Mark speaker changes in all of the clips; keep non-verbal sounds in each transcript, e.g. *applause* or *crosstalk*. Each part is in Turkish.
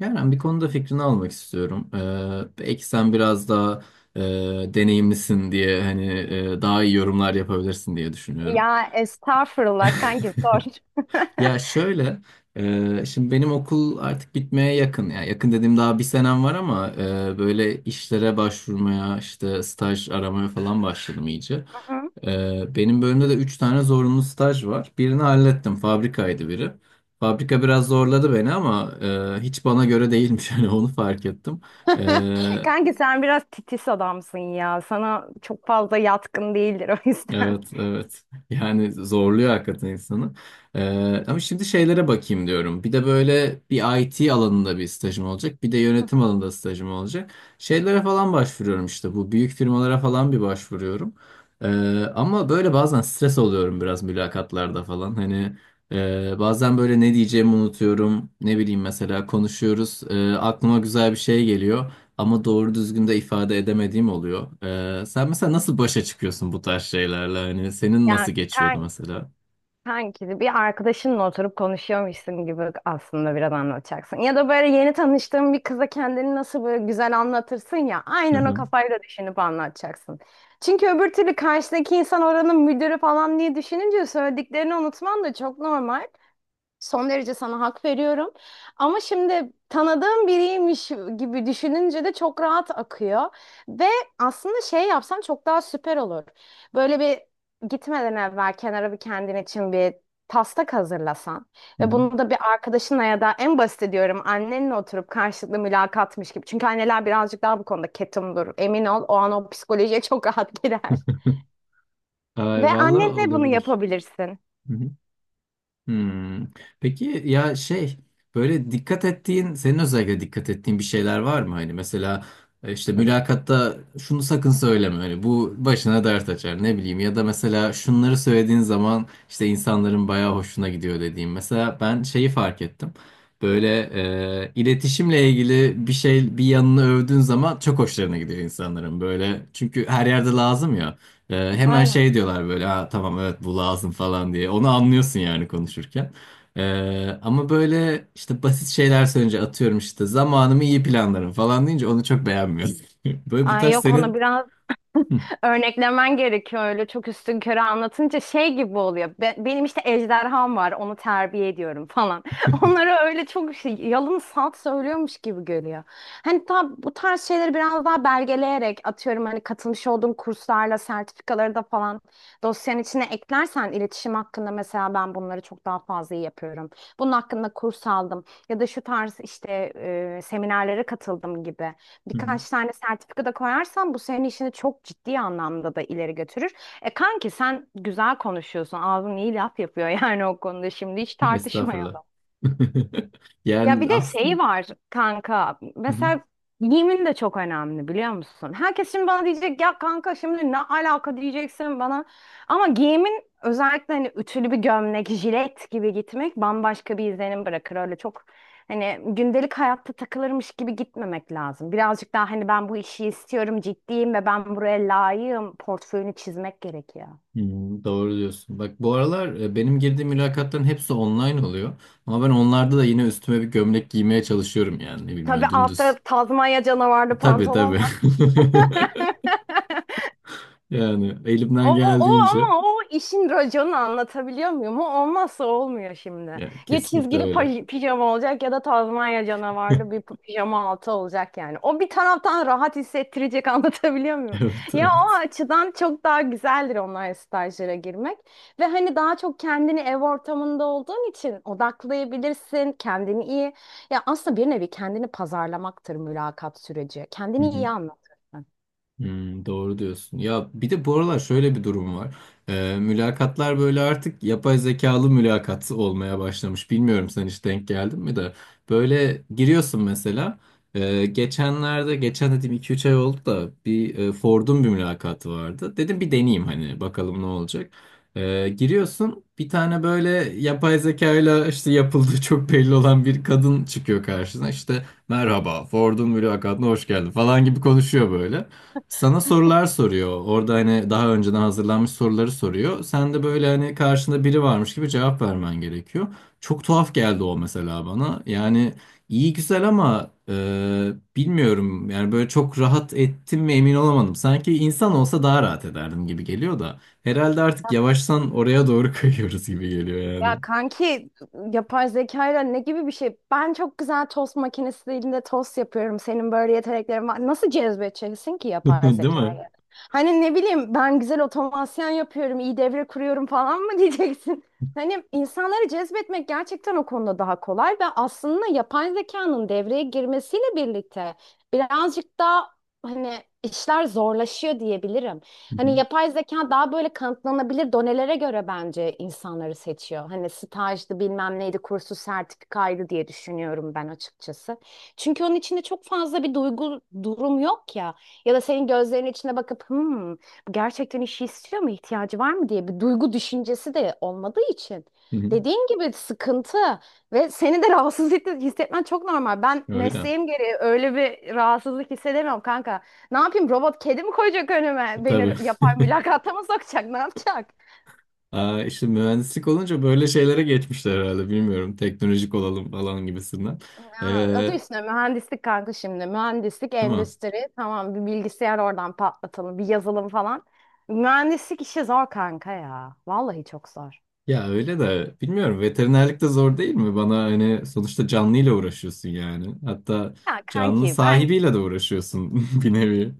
Speaker 1: Yani bir konuda fikrini almak istiyorum. Belki sen biraz daha e, deneyimlisin diye hani daha iyi yorumlar yapabilirsin diye düşünüyorum.
Speaker 2: Ya estağfurullah kanki sor.
Speaker 1: *laughs* Ya şöyle, şimdi benim okul artık bitmeye yakın. Ya yakın dediğim daha bir senem var ama böyle işlere başvurmaya, işte staj aramaya falan başladım iyice. Benim bölümde de 3 tane zorunlu staj var. Birini hallettim. Fabrikaydı biri. Fabrika biraz zorladı beni ama hiç bana göre değilmiş. *laughs* Yani onu fark ettim.
Speaker 2: *laughs*
Speaker 1: Ee,
Speaker 2: Kanki sen biraz titiz adamsın ya. Sana çok fazla yatkın değildir o yüzden.
Speaker 1: Evet, evet. Yani zorluyor hakikaten insanı. Ama şimdi şeylere bakayım diyorum. Bir de böyle bir IT alanında bir stajım olacak. Bir de
Speaker 2: Hı hı.
Speaker 1: yönetim alanında stajım olacak. Şeylere falan başvuruyorum işte. Bu büyük firmalara falan bir başvuruyorum. Ee, ama böyle bazen stres oluyorum biraz mülakatlarda falan. Hani bazen böyle ne diyeceğimi unutuyorum. Ne bileyim mesela konuşuyoruz. Aklıma güzel bir şey geliyor ama doğru düzgün de ifade edemediğim oluyor. Sen mesela nasıl başa çıkıyorsun bu tarz şeylerle? Hani senin nasıl
Speaker 2: Yani
Speaker 1: geçiyordu
Speaker 2: kan
Speaker 1: mesela?
Speaker 2: Kanki bir arkadaşınla oturup konuşuyormuşsun gibi aslında biraz anlatacaksın. Ya da böyle yeni tanıştığın bir kıza kendini nasıl böyle güzel anlatırsın ya.
Speaker 1: Hı
Speaker 2: Aynen o
Speaker 1: hı.
Speaker 2: kafayla düşünüp anlatacaksın. Çünkü öbür türlü karşıdaki insan oranın müdürü falan diye düşününce söylediklerini unutman da çok normal. Son derece sana hak veriyorum. Ama şimdi tanıdığım biriymiş gibi düşününce de çok rahat akıyor. Ve aslında şey yapsan çok daha süper olur. Böyle bir gitmeden evvel kenara bir kendin için bir taslak hazırlasan
Speaker 1: Hı
Speaker 2: ve
Speaker 1: hı.
Speaker 2: bunu da bir arkadaşınla ya da en basit diyorum annenle oturup karşılıklı mülakatmış gibi. Çünkü anneler birazcık daha bu konuda ketumdur. Emin ol o an o psikolojiye çok rahat girer. Ve
Speaker 1: Ay valla
Speaker 2: annenle bunu
Speaker 1: olabilir.
Speaker 2: yapabilirsin.
Speaker 1: Hı hı. Hmm. Peki ya şey böyle dikkat ettiğin senin özellikle dikkat ettiğin bir şeyler var mı? Hani mesela işte mülakatta şunu sakın söyleme hani bu başına dert açar ne bileyim ya da mesela şunları söylediğin zaman işte insanların bayağı hoşuna gidiyor dediğim. Mesela ben şeyi fark ettim. Böyle iletişimle ilgili bir şey bir yanını övdüğün zaman çok hoşlarına gidiyor insanların böyle çünkü her yerde lazım ya. Hemen
Speaker 2: Aynen.
Speaker 1: şey diyorlar böyle ha, tamam evet bu lazım falan diye. Onu anlıyorsun yani konuşurken. Ama böyle işte basit şeyler söyleyince atıyorum işte zamanımı iyi planlarım falan deyince onu çok beğenmiyorum. *laughs* Böyle bu
Speaker 2: Ay
Speaker 1: tarz
Speaker 2: yok onu
Speaker 1: senin.
Speaker 2: biraz
Speaker 1: Hı,
Speaker 2: örneklemen gerekiyor, öyle çok üstünkörü anlatınca şey gibi oluyor. Benim işte ejderham var onu terbiye ediyorum falan. *laughs* Onlara öyle çok şey, yalın salt söylüyormuş gibi görüyor. Hani tam bu tarz şeyleri biraz daha belgeleyerek, atıyorum hani katılmış olduğun kurslarla sertifikaları da falan dosyanın içine eklersen, iletişim hakkında mesela ben bunları çok daha fazla iyi yapıyorum. Bunun hakkında kurs aldım ya da şu tarz işte seminerlere katıldım gibi
Speaker 1: hı hı.
Speaker 2: birkaç tane sertifika da koyarsan bu senin işini çok ciddi anlamda da ileri götürür. E kanki sen güzel konuşuyorsun. Ağzın iyi laf yapıyor *laughs* yani o konuda şimdi hiç tartışma
Speaker 1: Estağfurullah.
Speaker 2: yok.
Speaker 1: *laughs*
Speaker 2: Ya bir
Speaker 1: Yani
Speaker 2: de
Speaker 1: aslında.
Speaker 2: şeyi var kanka.
Speaker 1: Hı hı.
Speaker 2: Mesela giyimin de çok önemli biliyor musun? Herkes şimdi bana diyecek ya kanka şimdi ne alaka diyeceksin bana. Ama giyimin özellikle hani ütülü bir gömlek, jilet gibi gitmek bambaşka bir izlenim bırakır. Öyle çok hani gündelik hayatta takılırmış gibi gitmemek lazım. Birazcık daha hani ben bu işi istiyorum, ciddiyim ve ben buraya layığım portföyünü çizmek gerekiyor.
Speaker 1: Doğru diyorsun. Bak bu aralar benim girdiğim mülakatların hepsi online oluyor. Ama ben onlarda da yine üstüme bir gömlek giymeye çalışıyorum yani ne bileyim
Speaker 2: Tabii
Speaker 1: öyle
Speaker 2: altta
Speaker 1: dümdüz.
Speaker 2: Tazmanya canavarlı
Speaker 1: Tabii
Speaker 2: pantolon
Speaker 1: tabii.
Speaker 2: var.
Speaker 1: *laughs* Yani
Speaker 2: O,
Speaker 1: elimden
Speaker 2: o, o
Speaker 1: geldiğince
Speaker 2: ama o işin raconu, anlatabiliyor muyum? O olmazsa olmuyor şimdi.
Speaker 1: ya
Speaker 2: Ya
Speaker 1: kesinlikle
Speaker 2: çizgili
Speaker 1: öyle.
Speaker 2: pijama olacak ya da Tazmanya canavarlı bir
Speaker 1: *laughs*
Speaker 2: pijama altı olacak yani. O bir taraftan rahat hissettirecek, *laughs* anlatabiliyor muyum?
Speaker 1: Evet,
Speaker 2: Ya o
Speaker 1: evet.
Speaker 2: açıdan çok daha güzeldir online stajlara girmek. Ve hani daha çok kendini ev ortamında olduğun için odaklayabilirsin, kendini iyi. Ya aslında bir nevi kendini pazarlamaktır mülakat süreci.
Speaker 1: Hı
Speaker 2: Kendini
Speaker 1: hı.
Speaker 2: iyi anlat. Heh.
Speaker 1: Doğru diyorsun. Ya bir de bu aralar şöyle bir durum var. Mülakatlar böyle artık yapay zekalı mülakat olmaya başlamış. Bilmiyorum sen hiç denk geldin mi de. Böyle giriyorsun mesela. Geçenlerde, geçen dediğim iki üç ay oldu da bir Ford'un bir mülakatı vardı. Dedim bir
Speaker 2: Hı.
Speaker 1: deneyeyim hani bakalım ne olacak. Giriyorsun bir tane böyle yapay zekayla işte yapıldığı *laughs* çok belli olan bir kadın çıkıyor karşına. İşte merhaba Ford'un mülakatına hoş geldin falan gibi konuşuyor böyle. Sana sorular soruyor. Orada hani daha önceden hazırlanmış soruları soruyor. Sen de böyle hani karşında biri varmış gibi cevap vermen gerekiyor. Çok tuhaf geldi o mesela bana. Yani iyi güzel ama bilmiyorum. Yani böyle çok rahat ettim mi emin olamadım. Sanki insan olsa daha rahat ederdim gibi geliyor da. Herhalde artık yavaştan oraya doğru *laughs* kayıyoruz gibi geliyor yani.
Speaker 2: Ya kanki yapay zekayla ne gibi bir şey? Ben çok güzel tost makinesiyle tost yapıyorum. Senin böyle yeteneklerin var. Nasıl cezbedeceksin ki
Speaker 1: *laughs*
Speaker 2: yapay
Speaker 1: Değil
Speaker 2: zekayı?
Speaker 1: mi?
Speaker 2: Hani ne bileyim ben güzel otomasyon yapıyorum, iyi devre kuruyorum falan mı *laughs* diyeceksin? Hani insanları cezbetmek gerçekten o konuda daha kolay ve aslında yapay zekanın devreye girmesiyle birlikte birazcık daha hani işler zorlaşıyor diyebilirim.
Speaker 1: Hı hı.
Speaker 2: Hani yapay zeka daha böyle kanıtlanabilir donelere göre bence insanları seçiyor. Hani stajdı bilmem neydi kursu sertifikaydı diye düşünüyorum ben açıkçası. Çünkü onun içinde çok fazla bir duygu durum yok ya. Ya da senin gözlerin içine bakıp hmm, bu gerçekten işi istiyor mu, ihtiyacı var mı diye bir duygu düşüncesi de olmadığı için.
Speaker 1: Hı hı.
Speaker 2: Dediğin gibi sıkıntı ve seni de *laughs* rahatsız hissetmen çok normal. Ben
Speaker 1: Öyle.
Speaker 2: mesleğim gereği öyle bir rahatsızlık hissedemiyorum kanka. Ne yapayım, robot kedi mi koyacak önüme?
Speaker 1: Tabii.
Speaker 2: Beni yapar mülakata mı sokacak? Ne yapacak?
Speaker 1: Aa, işte mühendislik olunca böyle şeylere geçmişler herhalde bilmiyorum. Teknolojik olalım falan gibisinden.
Speaker 2: Ya, adı
Speaker 1: Ee,
Speaker 2: üstüne mühendislik kanka şimdi. Mühendislik,
Speaker 1: değil mi?
Speaker 2: endüstri. Tamam, bir bilgisayar oradan patlatalım. Bir yazılım falan. Mühendislik işi zor kanka ya. Vallahi çok zor.
Speaker 1: Ya öyle de bilmiyorum veterinerlik de zor değil mi? Bana hani sonuçta canlıyla uğraşıyorsun yani. Hatta
Speaker 2: Ya
Speaker 1: canlı
Speaker 2: kanki ben,
Speaker 1: sahibiyle de uğraşıyorsun *laughs* bir nevi.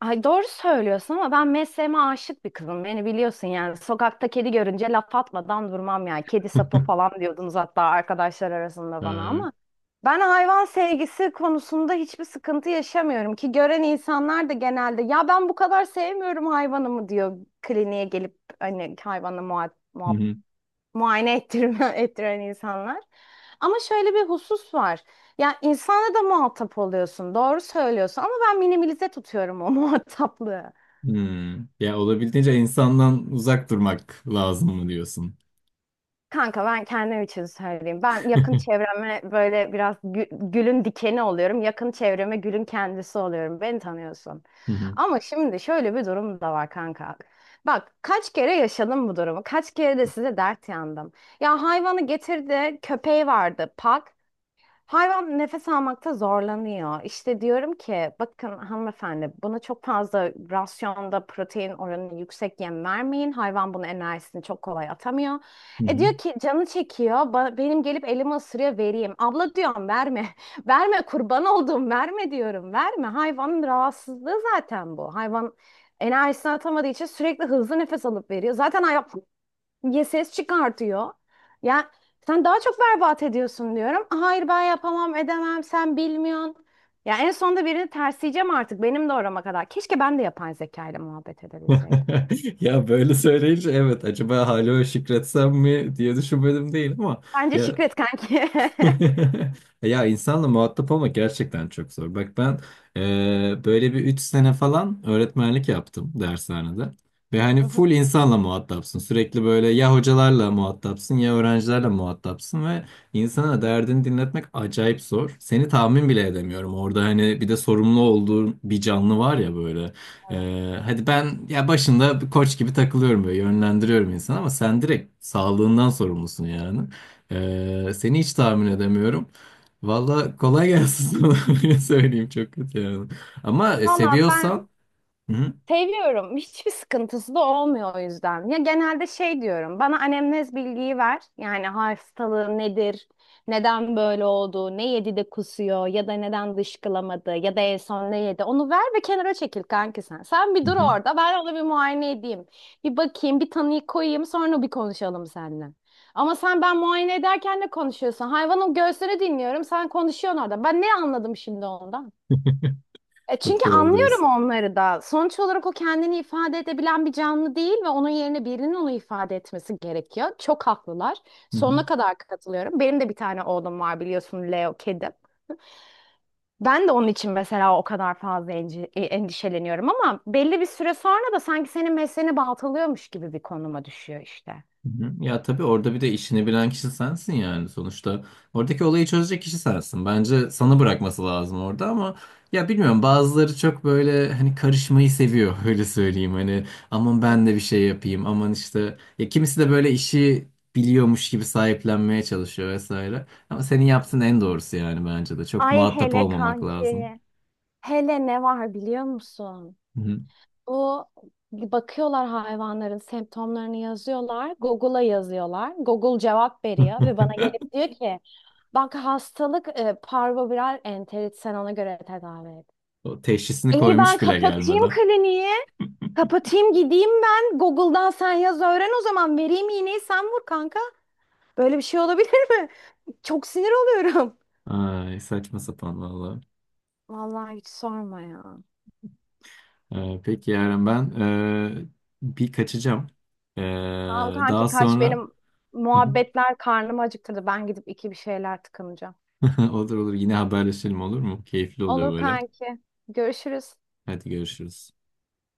Speaker 2: ay doğru söylüyorsun ama ben mesleğime aşık bir kızım. Beni biliyorsun yani. Sokakta kedi görünce laf atmadan durmam yani. Kedi sapı
Speaker 1: *laughs*
Speaker 2: falan diyordunuz hatta arkadaşlar arasında
Speaker 1: Ee,
Speaker 2: bana,
Speaker 1: hı
Speaker 2: ama ben hayvan sevgisi konusunda hiçbir sıkıntı yaşamıyorum ki, gören insanlar da genelde ya ben bu kadar sevmiyorum hayvanımı diyor kliniğe gelip, hani hayvanla muhabbet,
Speaker 1: hı.
Speaker 2: muayene ettirme, *laughs* ettiren insanlar. Ama şöyle bir husus var. Ya insanla da muhatap oluyorsun. Doğru söylüyorsun ama ben minimalize tutuyorum o *laughs* muhataplığı.
Speaker 1: Hmm. Ya olabildiğince insandan uzak durmak lazım mı diyorsun?
Speaker 2: Kanka ben kendim için söyleyeyim. Ben
Speaker 1: *laughs* Hı
Speaker 2: yakın çevreme böyle biraz gülün dikeni oluyorum. Yakın çevreme gülün kendisi oluyorum. Beni tanıyorsun.
Speaker 1: hı.
Speaker 2: Ama şimdi şöyle bir durum da var kanka. Bak kaç kere yaşadım bu durumu. Kaç kere de size dert yandım. Ya hayvanı getirdi, köpeği vardı, pak. Hayvan nefes almakta zorlanıyor. İşte diyorum ki bakın hanımefendi, buna çok fazla rasyonda protein oranı yüksek yem vermeyin. Hayvan bunun enerjisini çok kolay atamıyor.
Speaker 1: Hı
Speaker 2: E
Speaker 1: hı.
Speaker 2: diyor ki canı çekiyor. Benim gelip elimi ısırıyor, vereyim. Abla diyorum verme. *laughs* Verme kurban olduğum, verme diyorum. Verme. Hayvanın rahatsızlığı zaten bu. Hayvan enerjisini atamadığı için sürekli hızlı nefes alıp veriyor. Zaten hayvan ya ses çıkartıyor. Ya sen daha çok berbat ediyorsun diyorum. Hayır ben yapamam edemem sen bilmiyorsun. Ya en sonunda birini tersleyeceğim artık benim de orama kadar. Keşke ben de yapay zeka ile muhabbet edebilseydim.
Speaker 1: *laughs* Ya böyle söyleyince evet acaba hala şükretsem mi diye düşünmedim değil ama
Speaker 2: Bence
Speaker 1: ya.
Speaker 2: şükret kanki. *laughs*
Speaker 1: *laughs* Ya insanla muhatap olmak gerçekten çok zor. Bak ben böyle bir 3 sene falan öğretmenlik yaptım dershanede. Ve hani
Speaker 2: Hı hı.
Speaker 1: full insanla muhatapsın. Sürekli böyle ya hocalarla muhatapsın ya öğrencilerle muhatapsın ve insana derdini dinletmek acayip zor. Seni tahmin bile edemiyorum. Orada hani bir de sorumlu olduğun bir canlı var ya böyle.
Speaker 2: Evet.
Speaker 1: Hadi ben ya başında bir koç gibi takılıyorum böyle yönlendiriyorum insanı ama sen direkt sağlığından sorumlusun yani. Seni hiç tahmin edemiyorum. Valla kolay gelsin sana *laughs* öyle söyleyeyim çok kötü yani. Ama
Speaker 2: Valla ben
Speaker 1: seviyorsan. Hı hı.
Speaker 2: seviyorum. *laughs* Hiçbir sıkıntısı da olmuyor o yüzden. Ya genelde şey diyorum. Bana anemnez bilgiyi ver. Yani hastalığı nedir? Neden böyle oldu? Ne yedi de kusuyor? Ya da neden dışkılamadı? Ya da en son ne yedi? Onu ver ve kenara çekil kanki sen. Sen bir
Speaker 1: Hı
Speaker 2: dur
Speaker 1: hı.
Speaker 2: orada. Ben ona bir muayene edeyim. Bir bakayım, bir tanıyı koyayım. Sonra bir konuşalım seninle. Ama sen ben muayene ederken ne konuşuyorsun? Hayvanın göğsünü dinliyorum. Sen konuşuyorsun orada. Ben ne anladım şimdi ondan?
Speaker 1: *laughs*
Speaker 2: E
Speaker 1: Çok
Speaker 2: çünkü
Speaker 1: doğru
Speaker 2: anlıyorum
Speaker 1: diyorsun.
Speaker 2: onları da. Sonuç olarak o kendini ifade edebilen bir canlı değil ve onun yerine birinin onu ifade etmesi gerekiyor. Çok haklılar.
Speaker 1: Hı hı.
Speaker 2: Sonuna kadar katılıyorum. Benim de bir tane oğlum var biliyorsun, Leo kedim. Ben de onun için mesela o kadar fazla endişeleniyorum ama belli bir süre sonra da sanki senin mesleğini baltalıyormuş gibi bir konuma düşüyor işte.
Speaker 1: Hı hı. Ya tabii orada bir de işini bilen kişi sensin yani sonuçta. Oradaki olayı çözecek kişi sensin. Bence sana bırakması lazım orada ama ya bilmiyorum bazıları çok böyle hani karışmayı seviyor *laughs* öyle söyleyeyim. Hani aman ben de
Speaker 2: Evet.
Speaker 1: bir şey yapayım aman işte ya kimisi de böyle işi biliyormuş gibi sahiplenmeye çalışıyor vesaire. Ama senin yaptığın en doğrusu yani bence de çok
Speaker 2: Ay
Speaker 1: muhatap
Speaker 2: hele
Speaker 1: olmamak lazım.
Speaker 2: kanki. Hele ne var biliyor musun?
Speaker 1: Hı hı.
Speaker 2: Bu, bakıyorlar hayvanların semptomlarını yazıyorlar. Google'a yazıyorlar. Google cevap veriyor ve
Speaker 1: *laughs*
Speaker 2: bana gelip diyor ki bak hastalık parvoviral enterit, sen ona göre tedavi et.
Speaker 1: O teşhisini
Speaker 2: İyi ben
Speaker 1: koymuş bile
Speaker 2: kapatayım
Speaker 1: gelmeden.
Speaker 2: kliniği. Kapatayım gideyim ben. Google'dan sen yaz öğren o zaman. Vereyim iğneyi sen vur kanka. Böyle bir şey olabilir mi? *laughs* Çok sinir oluyorum.
Speaker 1: Ay saçma sapan vallahi.
Speaker 2: Vallahi hiç sorma ya.
Speaker 1: Peki Yaren ben bir kaçacağım. Eee,
Speaker 2: Tamam kanki
Speaker 1: daha
Speaker 2: kaç,
Speaker 1: sonra
Speaker 2: benim
Speaker 1: *laughs*
Speaker 2: muhabbetler karnımı acıktırdı. Ben gidip iki bir şeyler tıkınacağım.
Speaker 1: olur olur yine haberleşelim olur mu? Keyifli oluyor
Speaker 2: Olur
Speaker 1: böyle.
Speaker 2: kanki. Görüşürüz.
Speaker 1: Hadi görüşürüz.